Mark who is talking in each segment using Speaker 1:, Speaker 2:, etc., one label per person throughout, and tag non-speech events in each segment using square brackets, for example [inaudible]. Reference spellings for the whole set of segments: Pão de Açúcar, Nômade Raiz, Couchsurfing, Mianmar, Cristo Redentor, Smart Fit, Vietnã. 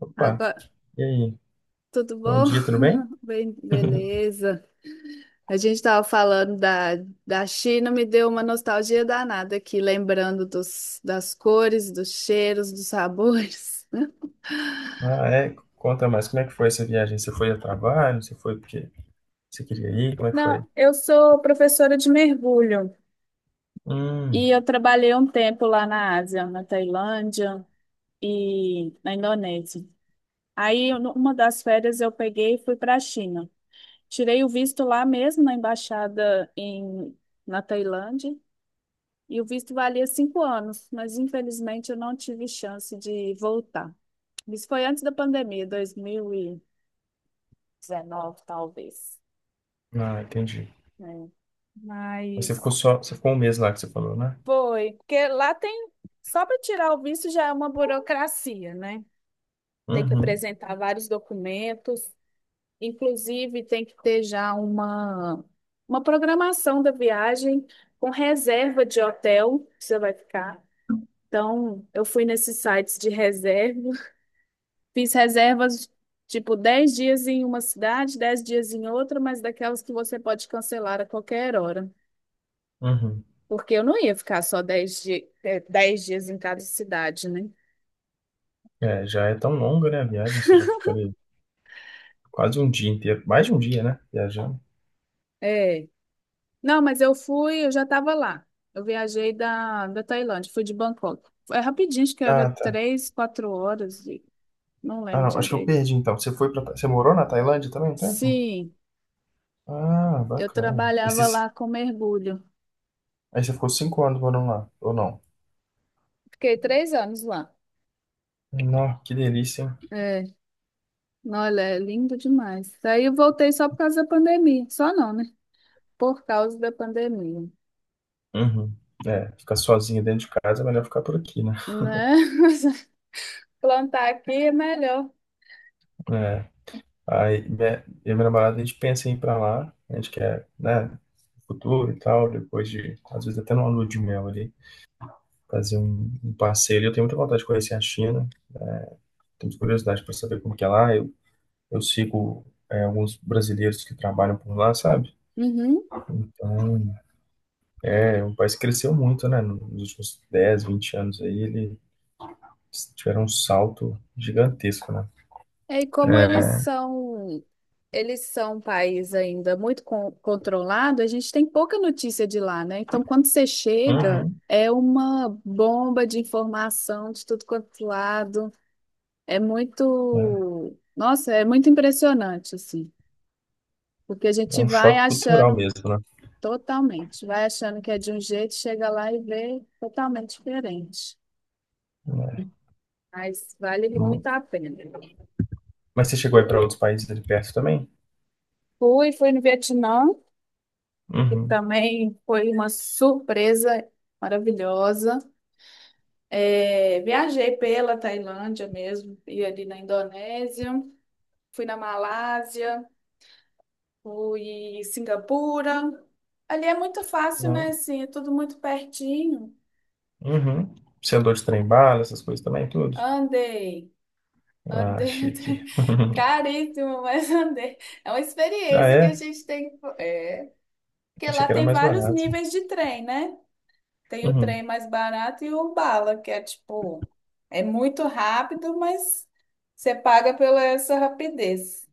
Speaker 1: Opa,
Speaker 2: Agora,
Speaker 1: e aí?
Speaker 2: tudo
Speaker 1: Bom
Speaker 2: bom?
Speaker 1: dia, tudo bem?
Speaker 2: [laughs] Bem,
Speaker 1: [laughs]
Speaker 2: beleza. A gente estava falando da China. Me deu uma nostalgia danada aqui, lembrando das cores, dos cheiros, dos sabores.
Speaker 1: Ah, é, conta mais, como é que foi essa viagem? Você foi a trabalho? Você foi porque você queria ir? Como
Speaker 2: [laughs]
Speaker 1: é que
Speaker 2: Não,
Speaker 1: foi?
Speaker 2: eu sou professora de mergulho
Speaker 1: Hum,
Speaker 2: e eu trabalhei um tempo lá na Ásia, na Tailândia e na Indonésia. Aí, numa das férias, eu peguei e fui para a China. Tirei o visto lá mesmo na embaixada na Tailândia. E o visto valia 5 anos, mas infelizmente eu não tive chance de voltar. Isso foi antes da pandemia, 2019, talvez.
Speaker 1: ah, entendi.
Speaker 2: Né?
Speaker 1: Mas
Speaker 2: Mas
Speaker 1: você ficou um mês lá que você falou, né?
Speaker 2: foi, porque lá tem, só para tirar o visto já é uma burocracia, né? Tem que
Speaker 1: Uhum,
Speaker 2: apresentar vários documentos, inclusive tem que ter já uma programação da viagem, com reserva de hotel que você vai ficar. Então, eu fui nesses sites de reserva. Fiz reservas, tipo, 10 dias em uma cidade, 10 dias em outra, mas daquelas que você pode cancelar a qualquer hora.
Speaker 1: uhum.
Speaker 2: Porque eu não ia ficar só 10 dias em cada cidade, né?
Speaker 1: É, já é tão longa, né, a viagem, você já ficou ali quase um dia inteiro, mais de um dia, né, viajando.
Speaker 2: É. Não, mas eu fui, eu já estava lá. Eu viajei da Tailândia, fui de Bangkok. É rapidinho, acho que era
Speaker 1: Ah, tá.
Speaker 2: 3, 4 horas, e não
Speaker 1: Ah,
Speaker 2: lembro
Speaker 1: não, acho que eu
Speaker 2: direito.
Speaker 1: perdi então. Você morou na Tailândia também um tempo?
Speaker 2: Sim,
Speaker 1: Ah,
Speaker 2: eu
Speaker 1: bacana.
Speaker 2: trabalhava lá com mergulho.
Speaker 1: Aí você ficou 5 anos morando lá, ou não?
Speaker 2: Fiquei 3 anos lá.
Speaker 1: Não, que delícia, hein?
Speaker 2: É. Olha, é lindo demais. Daí eu voltei só por causa da pandemia. Só não, né? Por causa da pandemia.
Speaker 1: Uhum. É, ficar sozinho dentro de casa é melhor ficar por aqui, né?
Speaker 2: Né? [laughs] Plantar aqui é melhor.
Speaker 1: É. Aí minha, eu e minha namorada, a gente pensa em ir pra lá, a gente quer, né, no futuro e tal, depois de, às vezes até numa lua de mel ali, fazer um, um passeio. Eu tenho muita vontade de conhecer a China, tenho curiosidade para saber como que é lá. Eu sigo, é, alguns brasileiros que trabalham por lá, sabe?
Speaker 2: Uhum.
Speaker 1: Então, é, o país cresceu muito, né, nos últimos 10 20 anos aí, ele tiveram um salto gigantesco, né?
Speaker 2: E como
Speaker 1: É.
Speaker 2: eles são um país ainda muito controlado. A gente tem pouca notícia de lá, né? Então, quando você chega,
Speaker 1: Uhum.
Speaker 2: é uma bomba de informação de tudo quanto lado. É
Speaker 1: É.
Speaker 2: muito, nossa, é muito impressionante, assim, porque a
Speaker 1: É
Speaker 2: gente
Speaker 1: um
Speaker 2: vai
Speaker 1: choque cultural
Speaker 2: achando.
Speaker 1: mesmo, né?
Speaker 2: Totalmente. Vai achando que é de um jeito, chega lá e vê totalmente diferente.
Speaker 1: É.
Speaker 2: Mas vale
Speaker 1: Mu-
Speaker 2: muito a pena.
Speaker 1: Mas você chegou aí para outros países ali perto também?
Speaker 2: Fui no Vietnã, que
Speaker 1: Uhum.
Speaker 2: também foi uma surpresa maravilhosa. É, viajei pela Tailândia mesmo, e ali na Indonésia, fui na Malásia, fui em Singapura. Ali é muito fácil,
Speaker 1: Não?
Speaker 2: né? Assim, é tudo muito pertinho.
Speaker 1: Uhum. Você andou de trem-bala, essas coisas também, tudo?
Speaker 2: Andei.
Speaker 1: Ah,
Speaker 2: Andei [laughs]
Speaker 1: chique.
Speaker 2: até...
Speaker 1: [laughs]
Speaker 2: Caríssimo, mas andei. É uma
Speaker 1: Ah,
Speaker 2: experiência que a
Speaker 1: é?
Speaker 2: gente tem. É, porque
Speaker 1: Achei
Speaker 2: lá
Speaker 1: que era
Speaker 2: tem
Speaker 1: mais
Speaker 2: vários
Speaker 1: barato.
Speaker 2: níveis de trem, né? Tem o trem
Speaker 1: Uhum.
Speaker 2: mais barato e o bala, que é tipo, é muito rápido, mas você paga pela essa rapidez.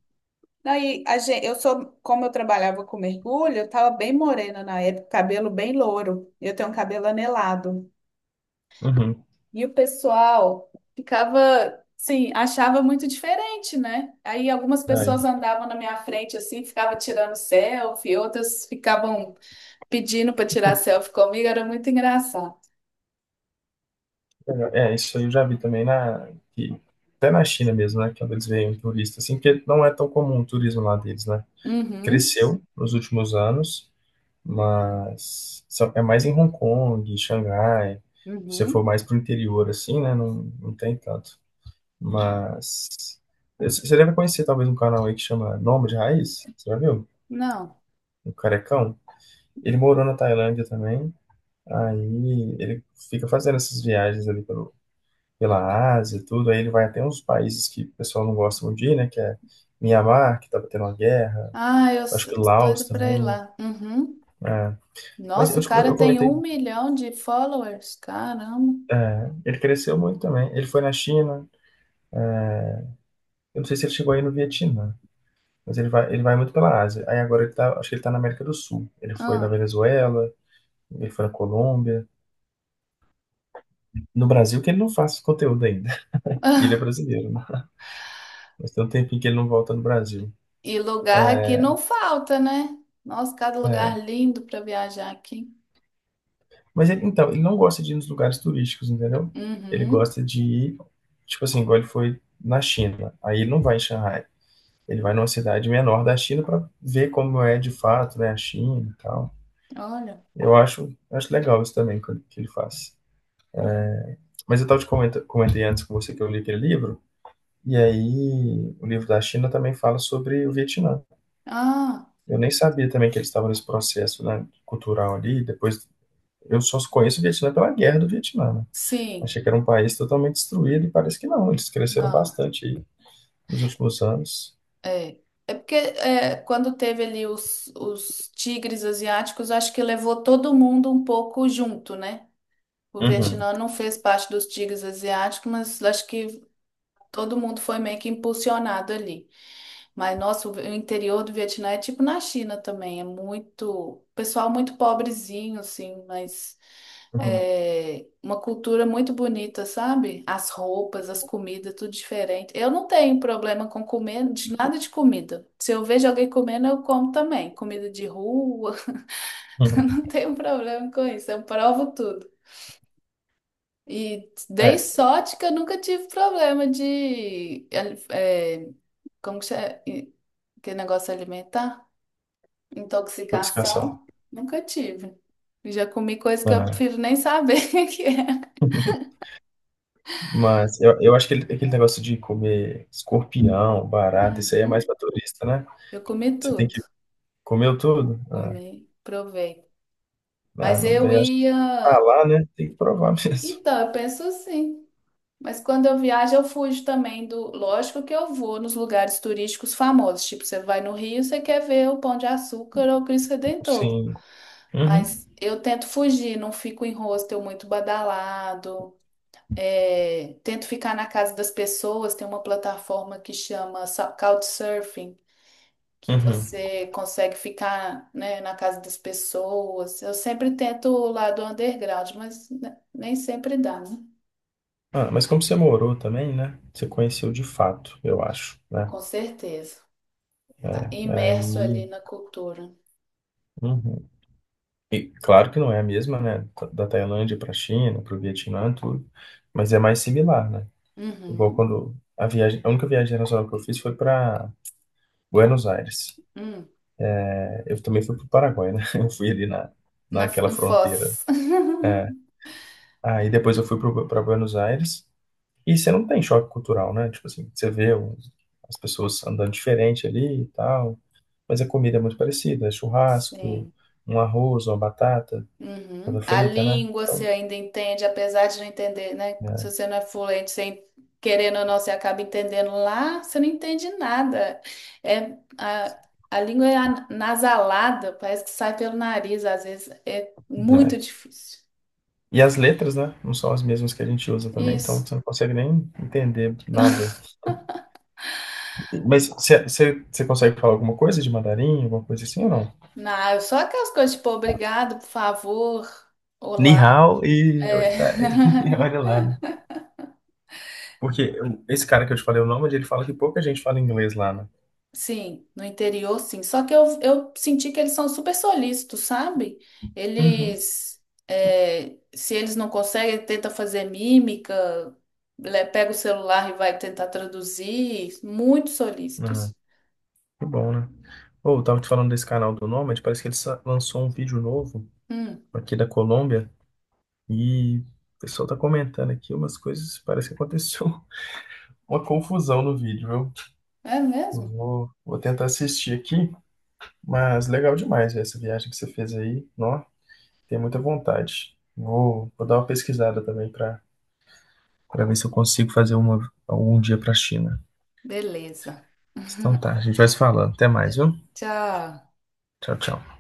Speaker 2: Aí, a gente, eu sou, como eu trabalhava com mergulho, eu tava bem morena na época, cabelo bem louro. Eu tenho um cabelo anelado.
Speaker 1: Uhum.
Speaker 2: E o pessoal ficava, sim, achava muito diferente, né? Aí algumas
Speaker 1: Aí,
Speaker 2: pessoas andavam na minha frente assim, ficavam tirando selfie, outras ficavam pedindo para tirar selfie comigo, era muito engraçado.
Speaker 1: legal. É, isso aí eu já vi também até na China mesmo, né? Quando eles veem um turista, assim, porque não é tão comum o turismo lá deles, né?
Speaker 2: Uhum,
Speaker 1: Cresceu nos últimos anos, mas é mais em Hong Kong, Xangai. Se você for
Speaker 2: uhum.
Speaker 1: mais pro interior, assim, né? Não, não tem tanto. Mas você deve conhecer talvez um canal aí que chama Nômade Raiz, você já viu?
Speaker 2: Não.
Speaker 1: O Carecão. Ele morou na Tailândia também, aí ele fica fazendo essas viagens ali pela Ásia e tudo, aí ele vai até uns países que o pessoal não gosta muito de ir, né? Que é Mianmar que tava tendo uma guerra,
Speaker 2: Ah,
Speaker 1: acho que
Speaker 2: tô
Speaker 1: Laos
Speaker 2: doida pra ir
Speaker 1: também.
Speaker 2: lá. Uhum.
Speaker 1: É. Mas
Speaker 2: Nossa, o cara
Speaker 1: eu
Speaker 2: tem
Speaker 1: comentei.
Speaker 2: 1 milhão de followers. Caramba.
Speaker 1: É, ele cresceu muito também. Ele foi na China. Eu não sei se ele chegou aí no Vietnã, mas ele vai muito pela Ásia. Aí agora ele tá, acho que ele tá na América do Sul. Ele foi na
Speaker 2: Ah.
Speaker 1: Venezuela, ele foi na Colômbia. No Brasil que ele não faz conteúdo ainda. [laughs] E ele é
Speaker 2: [laughs]
Speaker 1: brasileiro, né? Mas tem um tempinho que ele não volta no Brasil.
Speaker 2: E lugar aqui não falta, né? Nossa, cada lugar lindo para viajar aqui.
Speaker 1: Mas ele, então, ele não gosta de ir nos lugares turísticos, entendeu? Ele
Speaker 2: Uhum.
Speaker 1: gosta de ir, tipo assim, igual ele foi na China. Aí ele não vai em Xangai. Ele vai numa cidade menor da China para ver como é de fato, né, a China e tal.
Speaker 2: Olha.
Speaker 1: Eu acho, acho legal isso também que ele faz. Mas eu estava comentei antes com você que eu li aquele livro, e aí o livro da China também fala sobre o Vietnã.
Speaker 2: Ah,
Speaker 1: Eu nem sabia também que eles estavam nesse processo, né, cultural ali. Depois, eu só conheço o Vietnã pela guerra do Vietnã, né?
Speaker 2: sim.
Speaker 1: Achei que era um país totalmente destruído e parece que não. Eles cresceram
Speaker 2: Não,
Speaker 1: bastante aí nos últimos anos.
Speaker 2: é. É porque é, quando teve ali os tigres asiáticos, acho que levou todo mundo um pouco junto, né? O
Speaker 1: Uhum,
Speaker 2: Vietnã não fez parte dos tigres asiáticos, mas acho que todo mundo foi meio que impulsionado ali. Mas, nossa, o interior do Vietnã é tipo na China também, é muito, pessoal muito pobrezinho, assim, mas
Speaker 1: uhum,
Speaker 2: é uma cultura muito bonita, sabe? As roupas, as comidas, tudo diferente. Eu não tenho problema com comer de nada de comida. Se eu vejo alguém comendo, eu como também. Comida de rua, [laughs] eu
Speaker 1: uhum.
Speaker 2: não tenho problema com isso. Eu provo tudo. E dei
Speaker 1: É,
Speaker 2: sorte que eu nunca tive problema de, é, é, como que chama? Que negócio alimentar?
Speaker 1: obcecação.
Speaker 2: Intoxicação? Nunca tive. Já comi coisa que eu
Speaker 1: Ah.
Speaker 2: prefiro nem saber [laughs] o que é.
Speaker 1: [laughs] Mas eu acho que aquele negócio de comer escorpião, barata, isso aí é mais
Speaker 2: Uhum.
Speaker 1: pra turista, né?
Speaker 2: Eu comi
Speaker 1: Você tem
Speaker 2: tudo.
Speaker 1: que comer tudo? Ah,
Speaker 2: Comi, provei. Mas
Speaker 1: não,
Speaker 2: eu
Speaker 1: daí eu acho que tá
Speaker 2: ia.
Speaker 1: lá, né? Tem que provar [laughs] mesmo.
Speaker 2: Então, eu penso assim. Mas quando eu viajo, eu fujo também do. Lógico que eu vou nos lugares turísticos famosos. Tipo, você vai no Rio, você quer ver o Pão de Açúcar ou o Cristo Redentor.
Speaker 1: Sim. Uhum,
Speaker 2: Mas eu tento fugir, não fico em hostel muito badalado. É, tento ficar na casa das pessoas. Tem uma plataforma que chama Couchsurfing, que
Speaker 1: uhum.
Speaker 2: você consegue ficar, né, na casa das pessoas. Eu sempre tento o lado underground, mas nem sempre dá, né?
Speaker 1: Ah, mas como você morou também, né? Você conheceu de fato, eu acho, né?
Speaker 2: Com certeza. Tá
Speaker 1: É, é
Speaker 2: imerso
Speaker 1: aí,
Speaker 2: ali na cultura.
Speaker 1: uhum. E claro que não é a mesma, né? Da Tailândia para a China, para o Vietnã, tudo, mas é mais similar, né? Igual
Speaker 2: Uhum.
Speaker 1: quando a viagem, a única viagem internacional que eu fiz foi para Buenos Aires.
Speaker 2: Hum.
Speaker 1: Eu também fui para o Paraguai, né? [laughs] Eu fui ali
Speaker 2: Na,
Speaker 1: naquela
Speaker 2: em
Speaker 1: fronteira.
Speaker 2: Foz. [laughs]
Speaker 1: É. Aí depois eu fui para Buenos Aires. E você não tem choque cultural, né? Tipo assim, você vê as pessoas andando diferente ali e tal. Mas a comida é muito parecida. É churrasco,
Speaker 2: Sim.
Speaker 1: um arroz, uma batata,
Speaker 2: Uhum.
Speaker 1: batata
Speaker 2: A
Speaker 1: frita, né?
Speaker 2: língua você
Speaker 1: Então,
Speaker 2: ainda entende, apesar de não entender, né?
Speaker 1: é,
Speaker 2: Se você não é fluente, sem querendo ou não, você acaba entendendo. Lá, você não entende nada. É, a, a língua é nasalada, parece que sai pelo nariz, às vezes é
Speaker 1: é.
Speaker 2: muito difícil.
Speaker 1: E as letras, né? Não são as mesmas que a gente usa também. Então
Speaker 2: Isso.
Speaker 1: você não consegue nem entender
Speaker 2: [laughs]
Speaker 1: nada. Mas você consegue falar alguma coisa de mandarim, alguma coisa assim ou não?
Speaker 2: Não, só aquelas coisas tipo obrigado, por favor,
Speaker 1: Ni
Speaker 2: olá.
Speaker 1: hao
Speaker 2: É.
Speaker 1: [laughs] e
Speaker 2: [laughs]
Speaker 1: olha lá, né? Porque esse cara que eu te falei o nome, ele fala que pouca gente fala inglês lá, né?
Speaker 2: Sim, no interior, sim. Só que eu senti que eles são super solícitos, sabe?
Speaker 1: Uhum.
Speaker 2: Eles, é, se eles não conseguem, tenta fazer mímica, pega o celular e vai tentar traduzir. Muito
Speaker 1: Ah,
Speaker 2: solícitos.
Speaker 1: que bom, né? Ou eu tava te falando desse canal do Nomad, parece que lançou um vídeo novo
Speaker 2: Hum,
Speaker 1: aqui da Colômbia e o pessoal tá comentando aqui umas coisas, parece que aconteceu [laughs] uma confusão no vídeo, viu?
Speaker 2: é
Speaker 1: Eu
Speaker 2: mesmo?
Speaker 1: vou, vou tentar assistir aqui, mas legal demais essa viagem que você fez aí, nó, tem muita vontade. Vou dar uma pesquisada também pra para ver se eu consigo fazer uma algum dia para a China.
Speaker 2: Beleza. [laughs]
Speaker 1: Então tá, a gente vai se falando. Até mais, viu?
Speaker 2: Tchau.
Speaker 1: Tchau, tchau.